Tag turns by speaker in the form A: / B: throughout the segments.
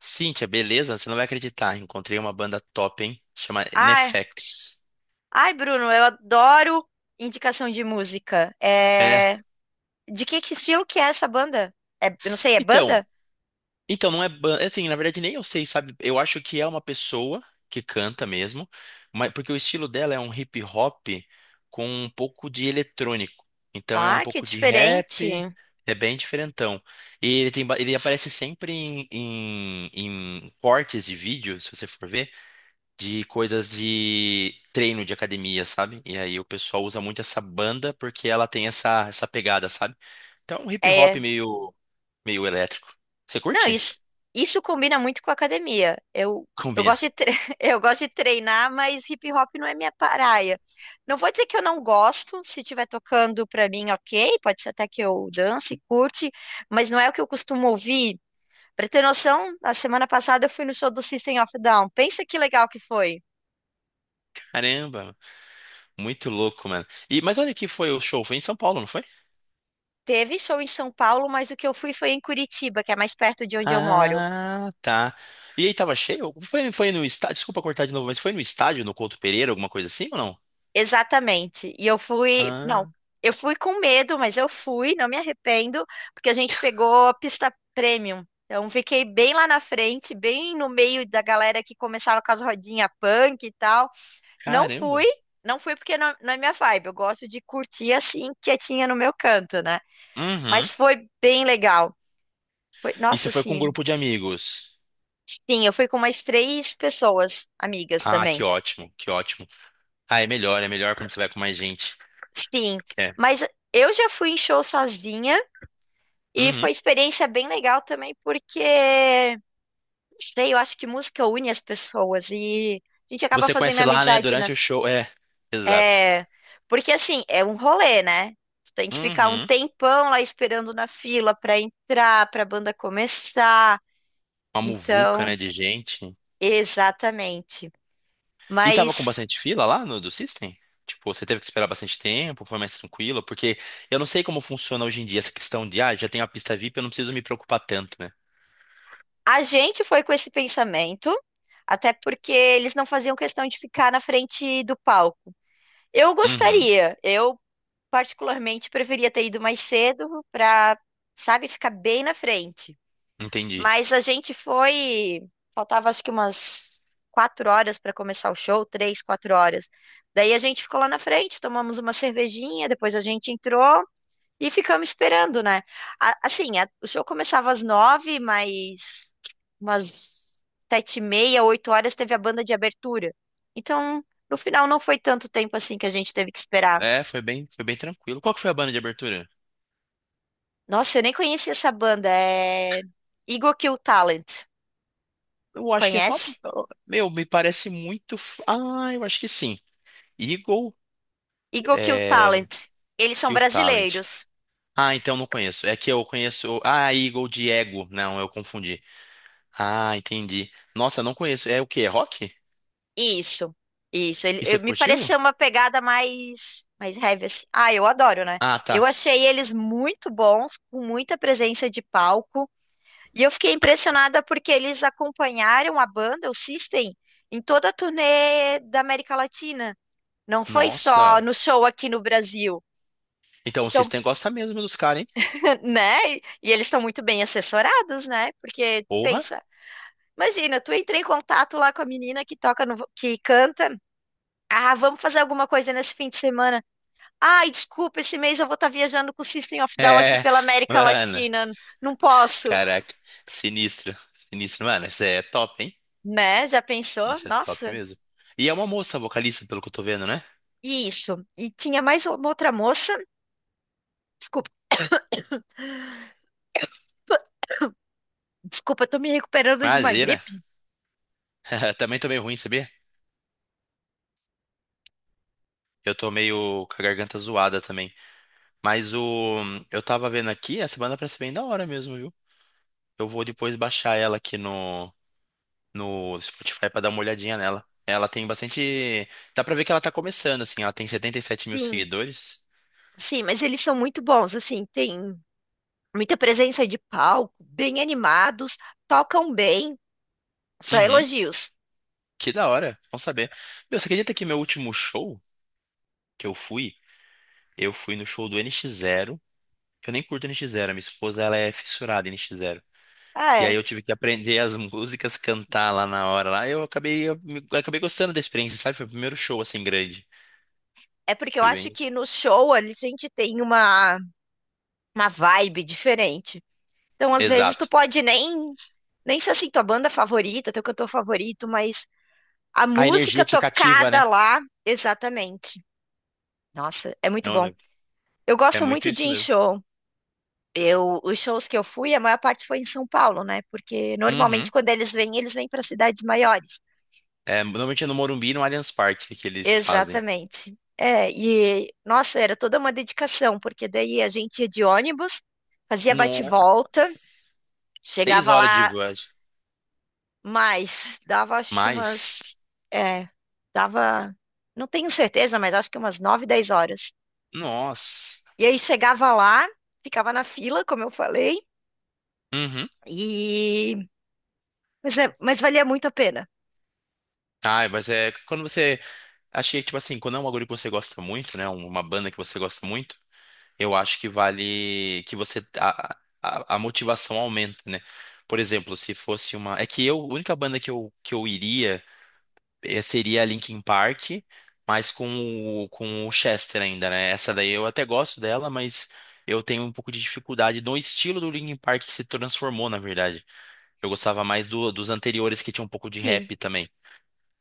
A: Cíntia, beleza? Você não vai acreditar. Encontrei uma banda top, hein? Chama
B: Ai,
A: Nefex.
B: ai, Bruno, eu adoro indicação de música.
A: É.
B: É... De que estilo que é essa banda? É, eu não sei, é
A: Então,
B: banda?
A: então não é banda. Assim, na verdade, nem eu sei, sabe? Eu acho que é uma pessoa que canta mesmo, mas porque o estilo dela é um hip hop com um pouco de eletrônico. Então é um
B: Ah, que
A: pouco de
B: diferente.
A: rap, é bem diferentão. E ele tem, ele aparece sempre em cortes de vídeo, se você for ver, de coisas de treino de academia, sabe? E aí o pessoal usa muito essa banda porque ela tem essa pegada, sabe? Então é um hip hop
B: É,
A: meio, meio elétrico. Você
B: não,
A: curte?
B: isso combina muito com a academia. Eu, eu
A: Combina.
B: gosto de eu gosto de treinar, mas hip hop não é minha praia. Não vou dizer que eu não gosto, se estiver tocando pra mim, ok, pode ser até que eu dance, curte, mas não é o que eu costumo ouvir. Pra ter noção, na semana passada eu fui no show do System of a Down. Pensa que legal que foi.
A: Caramba, muito louco, mano. E, mas olha que foi o show, foi em São Paulo, não foi?
B: Teve show em São Paulo, mas o que eu fui foi em Curitiba, que é mais perto de onde eu moro.
A: Ah, tá. E aí tava cheio? Foi no estádio, desculpa cortar de novo, mas foi no estádio, no Couto Pereira, alguma coisa assim ou não?
B: Exatamente. E eu fui, não,
A: Ah,
B: eu fui com medo, mas eu fui, não me arrependo, porque a gente pegou a pista premium. Então fiquei bem lá na frente, bem no meio da galera que começava com as rodinhas punk e tal. Não fui,
A: caramba.
B: não fui porque não, não é minha vibe. Eu gosto de curtir assim, quietinha no meu canto, né?
A: Uhum.
B: Mas foi bem legal. Foi,
A: E você
B: nossa,
A: foi com um
B: sim.
A: grupo de amigos?
B: Sim, eu fui com umas três pessoas, amigas
A: Ah, que
B: também.
A: ótimo, que ótimo. Ah, é melhor quando você vai com mais gente.
B: Sim,
A: É.
B: mas eu já fui em show sozinha e
A: Uhum.
B: foi experiência bem legal também, porque, não sei, eu acho que música une as pessoas e a gente acaba
A: Você
B: fazendo
A: conhece lá, né,
B: amizade na.
A: durante o show. É, exato.
B: É, porque assim, é um rolê, né? Tu tem que ficar um
A: Uhum.
B: tempão lá esperando na fila pra entrar, pra banda começar.
A: Uma muvuca, né,
B: Então,
A: de gente.
B: exatamente.
A: E tava com
B: Mas.
A: bastante fila lá no do System? Tipo, você teve que esperar bastante tempo, foi mais tranquilo? Porque eu não sei como funciona hoje em dia essa questão de, ah, já tenho a pista VIP, eu não preciso me preocupar tanto, né?
B: A gente foi com esse pensamento, até porque eles não faziam questão de ficar na frente do palco. Eu
A: Uhum.
B: gostaria, eu particularmente preferia ter ido mais cedo para, sabe, ficar bem na frente.
A: Entendi.
B: Mas a gente foi, faltava acho que umas 4 horas para começar o show, 3, 4 horas. Daí a gente ficou lá na frente, tomamos uma cervejinha, depois a gente entrou e ficamos esperando, né? Assim, o show começava às 9, mas umas 7h30, 8 horas teve a banda de abertura. Então, no final não foi tanto tempo assim que a gente teve que esperar.
A: É, foi bem tranquilo. Qual que foi a banda de abertura?
B: Nossa, eu nem conhecia essa banda. É Eagle Kill Talent.
A: Eu acho que é
B: Conhece?
A: famoso. Meu, me parece muito. Ah, eu acho que sim. Eagle,
B: Eagle Kill
A: é...
B: Talent. Eles são
A: Kill Talent.
B: brasileiros.
A: Ah, então não conheço. É que eu conheço. Ah, Eagle de Ego. Não, eu confundi. Ah, entendi. Nossa, não conheço. É o quê? É rock?
B: Isso, isso. Ele,
A: E você
B: me
A: curtiu?
B: pareceu uma pegada mais, mais heavy, assim. Ah, eu adoro, né?
A: Ah,
B: Eu
A: tá.
B: achei eles muito bons, com muita presença de palco, e eu fiquei impressionada porque eles acompanharam a banda, o System, em toda a turnê da América Latina. Não foi só
A: Nossa.
B: no show aqui no Brasil.
A: Então o
B: Então,
A: System gosta mesmo dos caras, hein?
B: né? E eles estão muito bem assessorados, né? Porque
A: Porra.
B: pensa, imagina, tu entra em contato lá com a menina que toca no, que canta. Ah, vamos fazer alguma coisa nesse fim de semana. Ai, desculpa, esse mês eu vou estar viajando com o System of Down aqui
A: É.
B: pela América
A: Mano.
B: Latina. Não posso,
A: Caraca. Sinistro. Sinistro. Mano, isso é top, hein?
B: né? Já pensou?
A: Isso é top
B: Nossa.
A: mesmo. E é uma moça vocalista, pelo que eu tô vendo, né?
B: E isso. E tinha mais uma outra moça. Desculpa, desculpa, eu tô me recuperando de uma
A: Imagina.
B: gripe.
A: Também tô meio ruim, sabia? Eu tô meio com a garganta zoada também. Mas o. Eu tava vendo aqui, essa banda parece bem da hora mesmo, viu? Eu vou depois baixar ela aqui no, no Spotify pra dar uma olhadinha nela. Ela tem bastante. Dá pra ver que ela tá começando, assim. Ela tem 77 mil
B: Sim,
A: seguidores.
B: sim, mas eles são muito bons, assim, tem muita presença de palco, bem animados, tocam bem, só
A: Uhum.
B: elogios.
A: Que da hora. Bom saber. Meu, você acredita que meu último show que eu fui no show do N X Zero. Eu nem curto N X Zero. A minha esposa, ela é fissurada em N X Zero.
B: Ah,
A: E aí
B: é.
A: eu tive que aprender as músicas, cantar lá na hora. Lá eu acabei, acabei gostando da experiência, sabe? Foi o primeiro show, assim, grande.
B: É porque eu
A: Foi
B: acho
A: bem,
B: que
A: tipo,
B: no show a gente tem uma vibe diferente. Então, às vezes, tu
A: exato.
B: pode nem, nem ser assim, tua banda favorita, teu cantor favorito, mas a
A: A
B: música
A: energia te cativa,
B: tocada
A: né?
B: lá, exatamente. Nossa, é muito bom. Eu
A: É
B: gosto
A: muito
B: muito de ir
A: isso
B: em
A: mesmo.
B: show. Eu, os shows que eu fui, a maior parte foi em São Paulo, né? Porque normalmente
A: Uhum.
B: quando eles vêm para cidades maiores.
A: É, normalmente é no Morumbi e no Allianz Parque que eles fazem.
B: Exatamente. É, e nossa, era toda uma dedicação, porque daí a gente ia de ônibus, fazia
A: Nossa.
B: bate-volta,
A: Seis
B: chegava
A: horas de
B: lá.
A: viagem.
B: Mas dava acho que
A: Mais?
B: umas. É, dava. Não tenho certeza, mas acho que umas 9, 10 horas.
A: Nossa.
B: E aí chegava lá, ficava na fila, como eu falei,
A: Uhum.
B: e. Mas, é, mas valia muito a pena.
A: Ah, mas é quando você. Achei, tipo assim, quando é um bagulho que você gosta muito, né? Uma banda que você gosta muito, eu acho que vale. Que você. A motivação aumenta, né? Por exemplo, se fosse uma. É que eu, a única banda que eu iria, seria a Linkin Park, mas com o Chester ainda, né? Essa daí eu até gosto dela, mas eu tenho um pouco de dificuldade no estilo do Linkin Park que se transformou, na verdade. Eu gostava mais dos anteriores que tinha um pouco de
B: Sim,
A: rap também.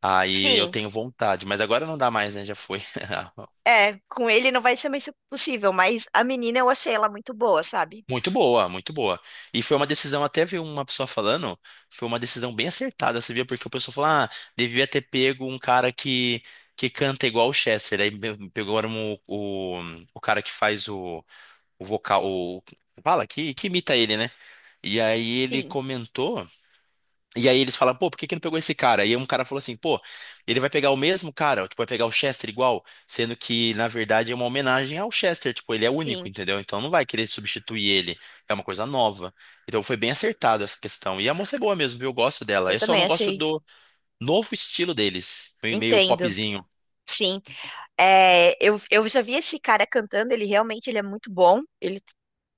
A: Aí eu
B: sim.
A: tenho vontade, mas agora não dá mais, né? Já foi.
B: É, com ele não vai ser mais possível, mas a menina eu achei ela muito boa, sabe?
A: Muito boa, muito boa. E foi uma decisão, até vi uma pessoa falando, foi uma decisão bem acertada, você via, porque o pessoal falou, ah, devia ter pego um cara que canta igual o Chester. Aí pegaram o cara que faz o vocal, o, fala, que imita ele, né? E aí ele
B: Sim,
A: comentou. E aí eles falam, pô, por que que não pegou esse cara? E aí um cara falou assim, pô, ele vai pegar o mesmo cara, tipo, vai pegar o Chester igual, sendo que, na verdade, é uma homenagem ao Chester, tipo, ele é único,
B: sim.
A: entendeu? Então não vai querer substituir ele, é uma coisa nova. Então foi bem acertado essa questão. E a moça é boa mesmo, viu? Eu gosto dela.
B: Eu
A: Eu só
B: também
A: não gosto
B: achei.
A: do novo estilo deles, meio
B: Entendo.
A: popzinho.
B: Sim. É, eu já vi esse cara cantando, ele realmente ele é muito bom. Ele,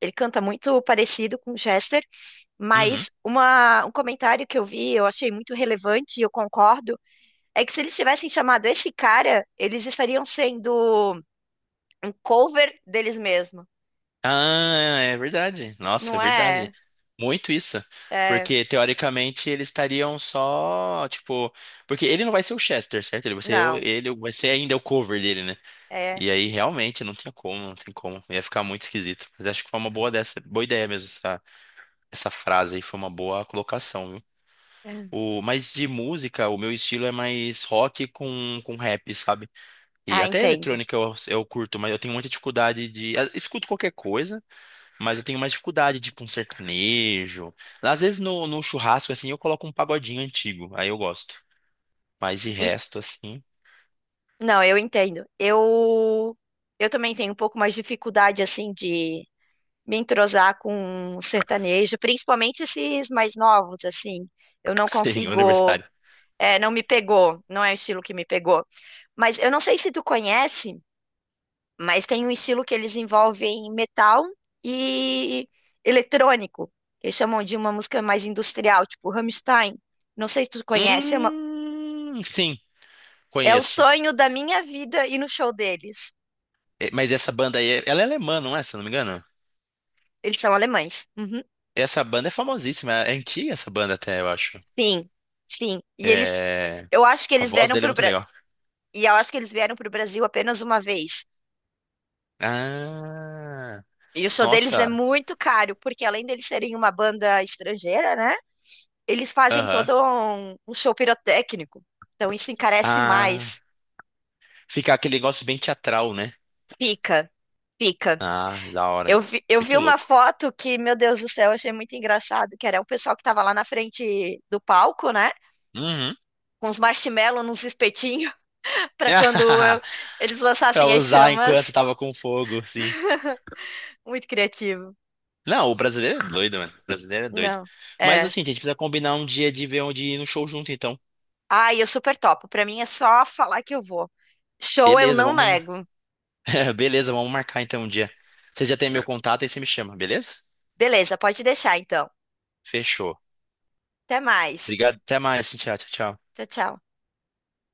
B: ele canta muito parecido com o Chester,
A: Uhum.
B: mas um comentário que eu vi, eu achei muito relevante e eu concordo, é que se eles tivessem chamado esse cara, eles estariam sendo um cover deles mesmos.
A: Ah, é verdade. Nossa,
B: Não
A: é verdade.
B: é?
A: Muito isso.
B: É,
A: Porque, teoricamente, eles estariam só, tipo... Porque ele não vai ser o Chester, certo? Ele vai ser,
B: não.
A: ele vai ser ainda o cover dele, né?
B: É.
A: E aí, realmente, não tinha como, não tem como. Ia ficar muito esquisito. Mas acho que foi uma boa dessa, boa ideia mesmo, essa frase aí. Foi uma boa colocação, viu?
B: É.
A: O, mas de música, o meu estilo é mais rock com rap, sabe? E
B: Ah,
A: até
B: entendo.
A: eletrônica eu curto, mas eu tenho muita dificuldade de... ah, escuto qualquer coisa. Mas eu tenho mais dificuldade, tipo um sertanejo. Às vezes no churrasco, assim, eu coloco um pagodinho antigo. Aí eu gosto. Mas de
B: E-
A: resto, assim,
B: não, eu entendo. Eu também tenho um pouco mais de dificuldade assim de me entrosar com sertanejo, principalmente esses mais novos, assim. Eu não
A: senhor
B: consigo,
A: universitário.
B: é, não me pegou, não é o estilo que me pegou. Mas eu não sei se tu conhece, mas tem um estilo que eles envolvem metal e eletrônico, que chamam de uma música mais industrial, tipo Rammstein. Não sei se tu conhece, é,
A: Sim,
B: é o
A: conheço.
B: sonho da minha vida ir no show deles.
A: É, mas essa banda aí, é, ela é alemã, não é? Se eu não me engano.
B: Eles são alemães. Uhum.
A: Essa banda é famosíssima. É antiga essa banda até, eu acho.
B: Sim, sim.
A: É...
B: Eu acho que
A: A
B: eles
A: voz
B: vieram
A: dele é muito
B: para
A: legal.
B: E eu acho que eles vieram para o Brasil apenas uma vez.
A: Ah,
B: E o show deles é
A: nossa.
B: muito caro, porque além deles serem uma banda estrangeira, né? Eles fazem
A: Aham.
B: todo um show pirotécnico. Então isso encarece
A: Ah,
B: mais.
A: fica aquele negócio bem teatral, né?
B: Fica, fica.
A: Ah, da hora, hein?
B: Eu vi
A: Muito
B: uma
A: louco.
B: foto que, meu Deus do céu, eu achei muito engraçado, que era o pessoal que estava lá na frente do palco, né?
A: Uhum.
B: Com uns marshmallows, nos espetinhos, para quando eles
A: Pra
B: lançassem as
A: usar enquanto
B: chamas.
A: tava com fogo, sim.
B: Muito criativo.
A: Não, o brasileiro é doido, mano. O brasileiro é doido.
B: Não,
A: Mas
B: é.
A: assim, a gente precisa combinar um dia de ver onde ir no show junto, então.
B: Ai, eu super topo. Pra mim é só falar que eu vou. Show eu
A: Beleza,
B: não
A: vamos.
B: nego.
A: Beleza, vamos marcar então um dia. Você já tem meu contato aí você me chama, beleza?
B: Beleza, pode deixar então.
A: Fechou.
B: Até mais.
A: Obrigado, até mais, Cintia. Tchau, tchau.
B: Tchau, tchau.